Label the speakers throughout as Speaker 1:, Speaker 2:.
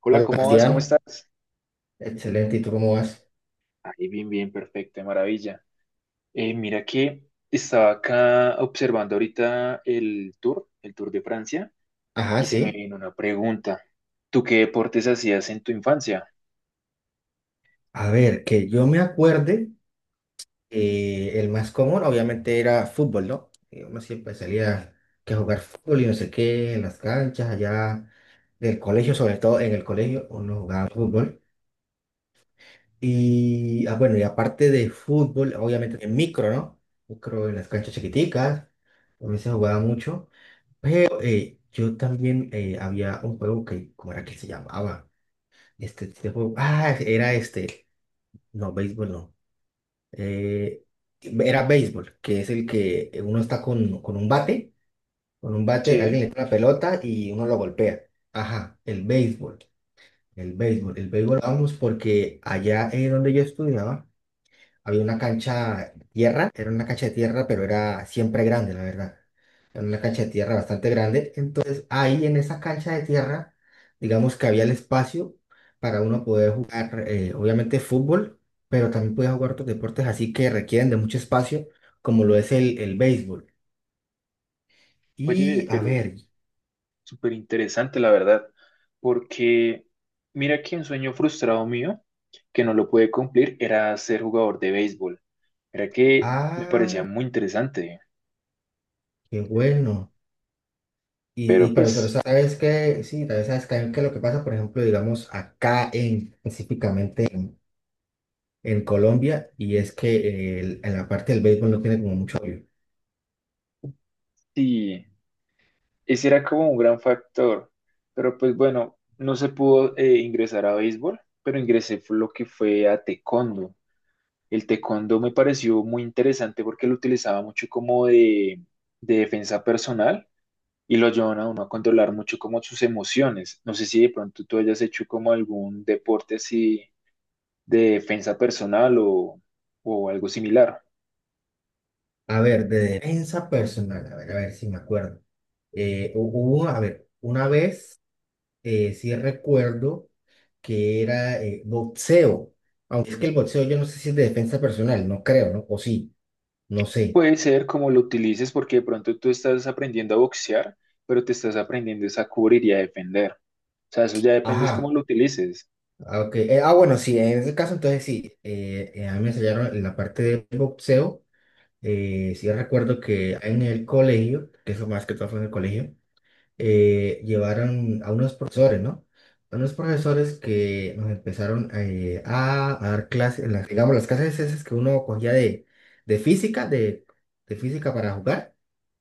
Speaker 1: Hola,
Speaker 2: Hola,
Speaker 1: ¿cómo vas? ¿Cómo
Speaker 2: Sebastián.
Speaker 1: estás?
Speaker 2: Excelente. ¿Y tú cómo vas?
Speaker 1: Ahí bien, bien, perfecto, de maravilla. Mira que estaba acá observando ahorita el Tour de Francia,
Speaker 2: Ajá,
Speaker 1: y se me
Speaker 2: sí.
Speaker 1: vino una pregunta. ¿Tú qué deportes hacías en tu infancia?
Speaker 2: A ver, que yo me acuerde, el más común obviamente era fútbol, ¿no? Uno siempre salía que a jugar fútbol y no sé qué, en las canchas allá del colegio, sobre todo en el colegio, uno jugaba fútbol. Y, bueno, y aparte de fútbol, obviamente en micro, ¿no? Micro en las canchas chiquiticas, también se jugaba mucho. Pero, yo también había un juego que, ¿cómo era que se llamaba? Este juego. Ah, era este. No, béisbol no. Eh, era béisbol, que es el que uno está con un bate. Con un bate,
Speaker 1: Che,
Speaker 2: alguien le tira la pelota y uno lo golpea. Ajá, el béisbol. El béisbol. El béisbol, vamos, porque allá es donde yo estudiaba. Había una cancha de tierra, era una cancha de tierra, pero era siempre grande, la verdad. Era una cancha de tierra bastante grande. Entonces, ahí en esa cancha de tierra, digamos que había el espacio para uno poder jugar, obviamente, fútbol, pero también podía jugar otros deportes así que requieren de mucho espacio, como lo es el béisbol. Y,
Speaker 1: oye,
Speaker 2: a
Speaker 1: pero
Speaker 2: ver,
Speaker 1: súper interesante, la verdad, porque mira que un sueño frustrado mío, que no lo pude cumplir, era ser jugador de béisbol. Era que me parecía
Speaker 2: ah,
Speaker 1: muy interesante,
Speaker 2: qué bueno. Y
Speaker 1: pero
Speaker 2: pero sobre
Speaker 1: pues
Speaker 2: eso, sabes que, sí, tal vez sabes que, lo que pasa, por ejemplo, digamos, acá en, específicamente. En Colombia y es que en la parte del béisbol no tiene como mucho apoyo.
Speaker 1: sí. Ese era como un gran factor, pero pues bueno, no se pudo ingresar a béisbol, pero ingresé fue lo que fue a taekwondo. El taekwondo me pareció muy interesante porque lo utilizaba mucho como de defensa personal y lo ayudaban a uno a controlar mucho como sus emociones. No sé si de pronto tú hayas hecho como algún deporte así de defensa personal o algo similar.
Speaker 2: A ver, de defensa personal, a ver si me acuerdo. Hubo, a ver, una vez sí recuerdo que era boxeo, aunque es que el boxeo yo no sé si es de defensa personal, no creo, ¿no? O sí, no sé.
Speaker 1: Puede ser como lo utilices porque de pronto tú estás aprendiendo a boxear, pero te estás aprendiendo es a cubrir y a defender. O sea, eso ya depende es cómo
Speaker 2: Ajá,
Speaker 1: lo utilices.
Speaker 2: ok. Bueno, sí, en ese caso entonces sí, a mí me enseñaron en la parte de boxeo, sí recuerdo que en el colegio, que eso más que todo fue en el colegio, llevaron a unos profesores, ¿no? A unos profesores que nos empezaron a dar clases, las, digamos, las clases esas que uno cogía de, física, de, física para jugar.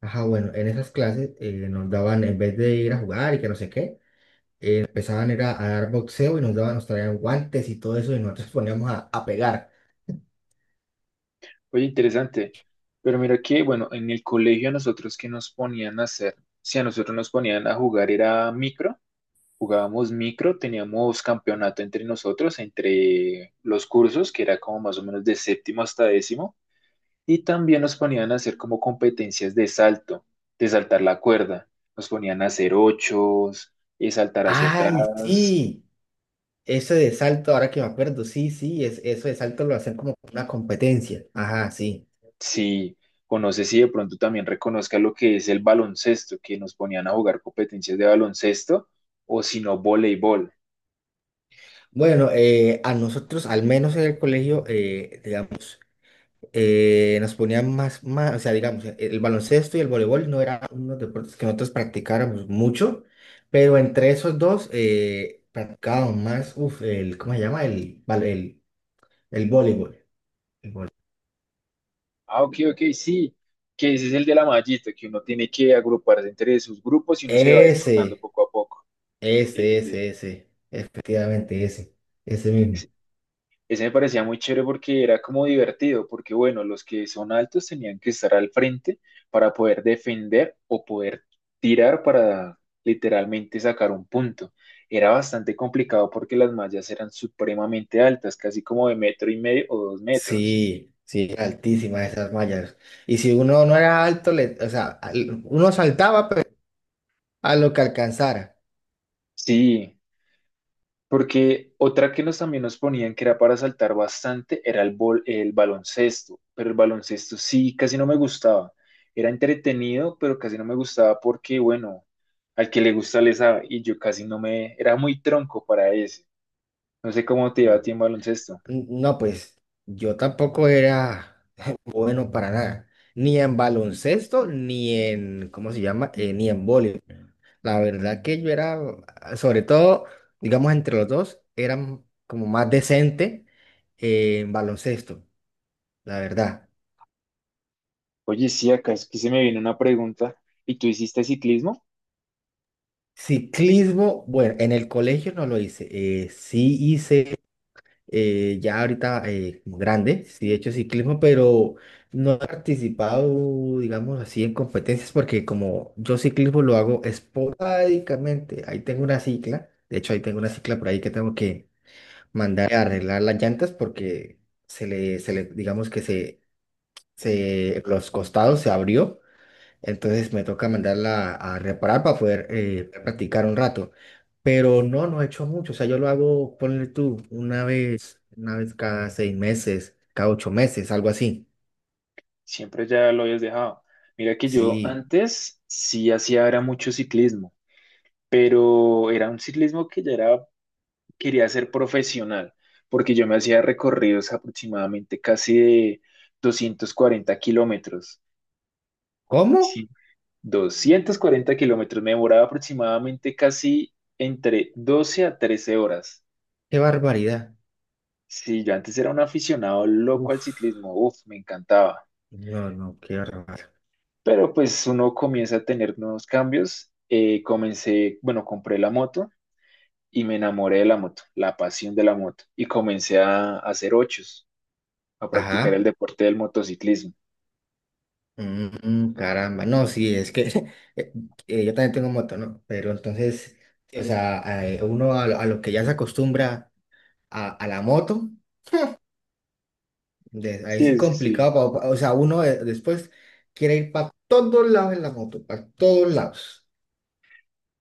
Speaker 2: Ajá, bueno, en esas clases nos daban, en vez de ir a jugar y que no sé qué, empezaban era a dar boxeo y nos daban, nos traían guantes y todo eso y nosotros poníamos a pegar.
Speaker 1: Oye, interesante. Pero mira que, bueno, en el colegio a nosotros que nos ponían a hacer, si a nosotros nos ponían a jugar era micro, jugábamos micro, teníamos campeonato entre nosotros, entre los cursos, que era como más o menos de séptimo hasta décimo. Y también nos ponían a hacer como competencias de salto, de saltar la cuerda. Nos ponían a hacer ochos, saltar hacia
Speaker 2: ¡Ay,
Speaker 1: atrás.
Speaker 2: sí! Ese de salto, ahora que me acuerdo, sí, sí, es, eso de salto lo hacen como una competencia. Ajá, sí.
Speaker 1: Sí, o no sé si de pronto también reconozca lo que es el baloncesto, que nos ponían a jugar competencias de baloncesto, o si no, voleibol.
Speaker 2: Bueno, a nosotros, al menos en el colegio, digamos, nos ponían o sea, digamos, el baloncesto y el voleibol no eran unos deportes que nosotros practicáramos mucho, pero entre esos dos practicábamos más, ¿cómo se llama? El, val- el voleibol. El voleibol.
Speaker 1: Ah, ok, ok, sí, que ese es el de la mallita, que uno tiene que agruparse entre sus grupos y uno se va a ir rotando
Speaker 2: Ese,
Speaker 1: poco a poco.
Speaker 2: ese,
Speaker 1: Ese.
Speaker 2: ese, ese, efectivamente ese, ese mismo.
Speaker 1: Ese me parecía muy chévere porque era como divertido, porque bueno, los que son altos tenían que estar al frente para poder defender o poder tirar para literalmente sacar un punto. Era bastante complicado porque las mallas eran supremamente altas, casi como de metro y medio o 2 metros.
Speaker 2: Sí, sí, altísimas esas mallas. Y si uno no era alto, o sea, uno saltaba, a lo que alcanzara.
Speaker 1: Sí, porque otra que nos también nos ponían que era para saltar bastante era el baloncesto, pero el baloncesto sí casi no me gustaba. Era entretenido, pero casi no me gustaba porque, bueno, al que le gusta le sabe y yo casi no me... Era muy tronco para ese. No sé cómo te iba a
Speaker 2: Mm.
Speaker 1: ti en baloncesto.
Speaker 2: No, pues yo tampoco era bueno para nada, ni en baloncesto, ni en, ¿cómo se llama? Ni en voleibol. La verdad que yo era, sobre todo, digamos, entre los dos, eran como más decente en baloncesto, la verdad.
Speaker 1: Oye, sí, acá es que se me viene una pregunta. ¿Y tú hiciste ciclismo?
Speaker 2: Ciclismo, bueno, en el colegio no lo hice. Sí hice ya ahorita como grande, sí he hecho ciclismo, pero no he participado, digamos así, en competencias porque como yo ciclismo lo hago esporádicamente, ahí tengo una cicla, de hecho ahí tengo una cicla por ahí que tengo que mandar a arreglar las llantas porque se le digamos que los costados se abrió entonces me toca mandarla a reparar para poder practicar un rato. Pero no, no he hecho mucho. O sea, yo lo hago, ponle tú, una vez cada 6 meses, cada 8 meses, algo así.
Speaker 1: Siempre ya lo habías dejado. Mira que yo
Speaker 2: Sí.
Speaker 1: antes sí hacía era mucho ciclismo, pero era un ciclismo que ya era quería ser profesional, porque yo me hacía recorridos aproximadamente casi de 240 kilómetros.
Speaker 2: ¿Cómo?
Speaker 1: Sí. 240 kilómetros, me demoraba aproximadamente casi entre 12 a 13 horas.
Speaker 2: ¡Qué barbaridad!
Speaker 1: Sí, yo antes era un aficionado loco al
Speaker 2: Uf,
Speaker 1: ciclismo, uff, me encantaba.
Speaker 2: no, no, qué barbaridad.
Speaker 1: Pero pues uno comienza a tener nuevos cambios. Comencé, bueno, compré la moto y me enamoré de la moto, la pasión de la moto, y comencé a hacer ochos, a practicar el
Speaker 2: Ajá.
Speaker 1: deporte del motociclismo.
Speaker 2: Mm, caramba. No, sí, es que eh, yo también tengo moto, ¿no? Pero entonces, o sea, uno a lo que ya se acostumbra a la moto. Ahí
Speaker 1: Sí,
Speaker 2: sí
Speaker 1: sí.
Speaker 2: complicado, o sea, uno después quiere ir para todos lados en la moto, para todos lados.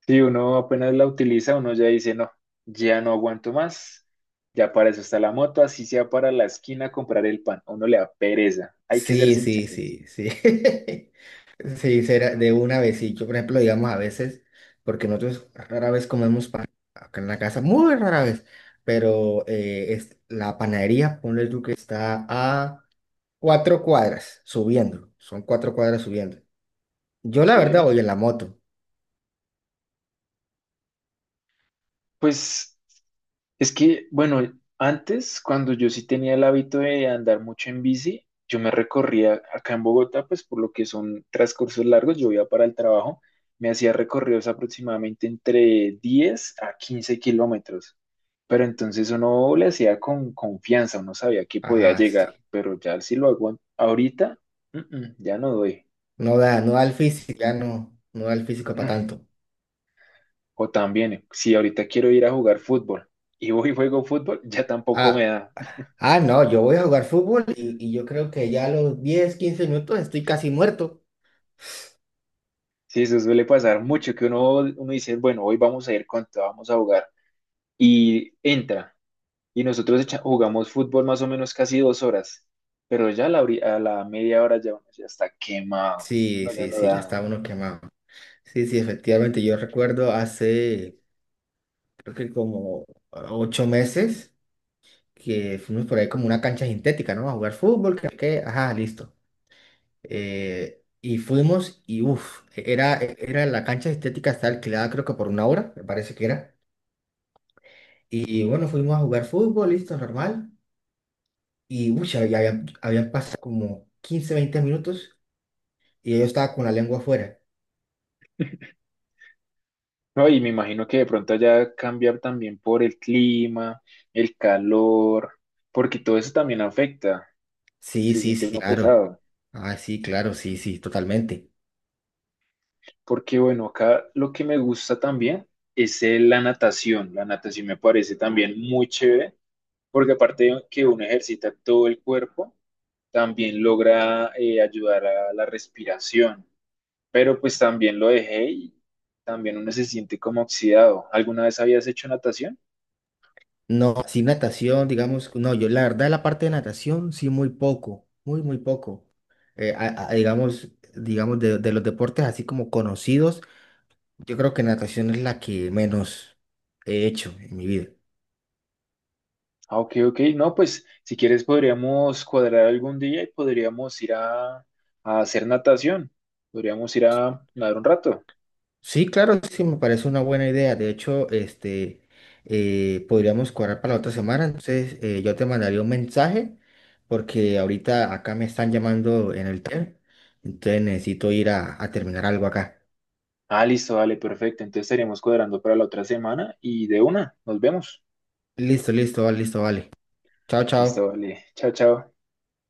Speaker 1: Si uno apenas la utiliza, uno ya dice, no, ya no aguanto más, ya para eso está la moto, así sea para la esquina a comprar el pan, a uno le da pereza, hay que ser
Speaker 2: Sí, sí,
Speaker 1: sinceros.
Speaker 2: sí, sí. Sí, será de una vez. Sí, yo, por ejemplo, digamos a veces, porque nosotros rara vez comemos pan acá en la casa, muy rara vez, pero la panadería, ponle tú que está a 4 cuadras subiendo, son 4 cuadras subiendo. Yo la
Speaker 1: Sí,
Speaker 2: verdad
Speaker 1: ¿eh?
Speaker 2: voy en la moto,
Speaker 1: Pues es que, bueno, antes, cuando yo sí tenía el hábito de andar mucho en bici, yo me recorría acá en Bogotá, pues por lo que son transcursos largos, yo iba para el trabajo, me hacía recorridos aproximadamente entre 10 a 15 kilómetros. Pero entonces uno le hacía con confianza, uno sabía que podía
Speaker 2: ajá,
Speaker 1: llegar,
Speaker 2: sí.
Speaker 1: pero ya si lo hago ahorita, ya no doy.
Speaker 2: No da, no da el físico, ya no, no da el físico para
Speaker 1: No.
Speaker 2: tanto.
Speaker 1: O también, si ahorita quiero ir a jugar fútbol y voy y juego fútbol, ya tampoco me
Speaker 2: Ah,
Speaker 1: da.
Speaker 2: no, yo voy a jugar fútbol y yo creo que ya a los 10 15 minutos estoy casi muerto.
Speaker 1: Sí, eso suele pasar mucho, que uno, uno dice, bueno, hoy vamos a ir con todo, vamos a jugar. Y entra, y nosotros echa- jugamos fútbol más o menos casi 2 horas, pero ya a la media hora ya uno ya está quemado,
Speaker 2: Sí,
Speaker 1: no le
Speaker 2: sí,
Speaker 1: no
Speaker 2: sí, ya
Speaker 1: da.
Speaker 2: está uno quemado. Sí, sí, efectivamente, yo recuerdo hace, creo que como 8 meses, que fuimos por ahí como una cancha sintética, ¿no? A jugar fútbol, ajá, listo. Y fuimos y era la cancha sintética, está alquilada creo que por una hora, me parece que era. Y bueno, fuimos a jugar fútbol, listo, normal. Y uy, ya habían pasado como 15 20 minutos y yo estaba con la lengua afuera.
Speaker 1: No, y me imagino que de pronto allá cambiar también por el clima, el calor, porque todo eso también afecta,
Speaker 2: Sí,
Speaker 1: se
Speaker 2: sí,
Speaker 1: siente
Speaker 2: sí,
Speaker 1: uno
Speaker 2: claro.
Speaker 1: pesado.
Speaker 2: Ah, sí, claro, sí, sí, totalmente.
Speaker 1: Porque bueno, acá lo que me gusta también es la natación. La natación me parece también muy chévere, porque aparte de que uno ejercita todo el cuerpo, también logra ayudar a la respiración. Pero pues también lo dejé y también uno se siente como oxidado. ¿Alguna vez habías hecho natación?
Speaker 2: No, sí, natación, digamos, no, yo la verdad la parte de natación, sí, muy poco, muy, muy poco. Eh, a- a- digamos, digamos, de los deportes así como conocidos, yo creo que natación es la que menos he hecho en mi vida.
Speaker 1: Ah, ok, ok. No, pues si quieres podríamos cuadrar algún día y podríamos ir a hacer natación. Podríamos ir a nadar un rato.
Speaker 2: Sí, claro, sí, me parece una buena idea. De hecho, podríamos cuadrar para la otra semana. Entonces, yo te mandaría un mensaje porque ahorita acá me están llamando en el TER. Entonces, necesito ir a terminar algo acá.
Speaker 1: Ah, listo, vale, perfecto. Entonces estaríamos cuadrando para la otra semana y de una, nos vemos.
Speaker 2: Listo, listo, vale, listo, vale. Chao,
Speaker 1: Listo,
Speaker 2: chao.
Speaker 1: vale. Chao, chao.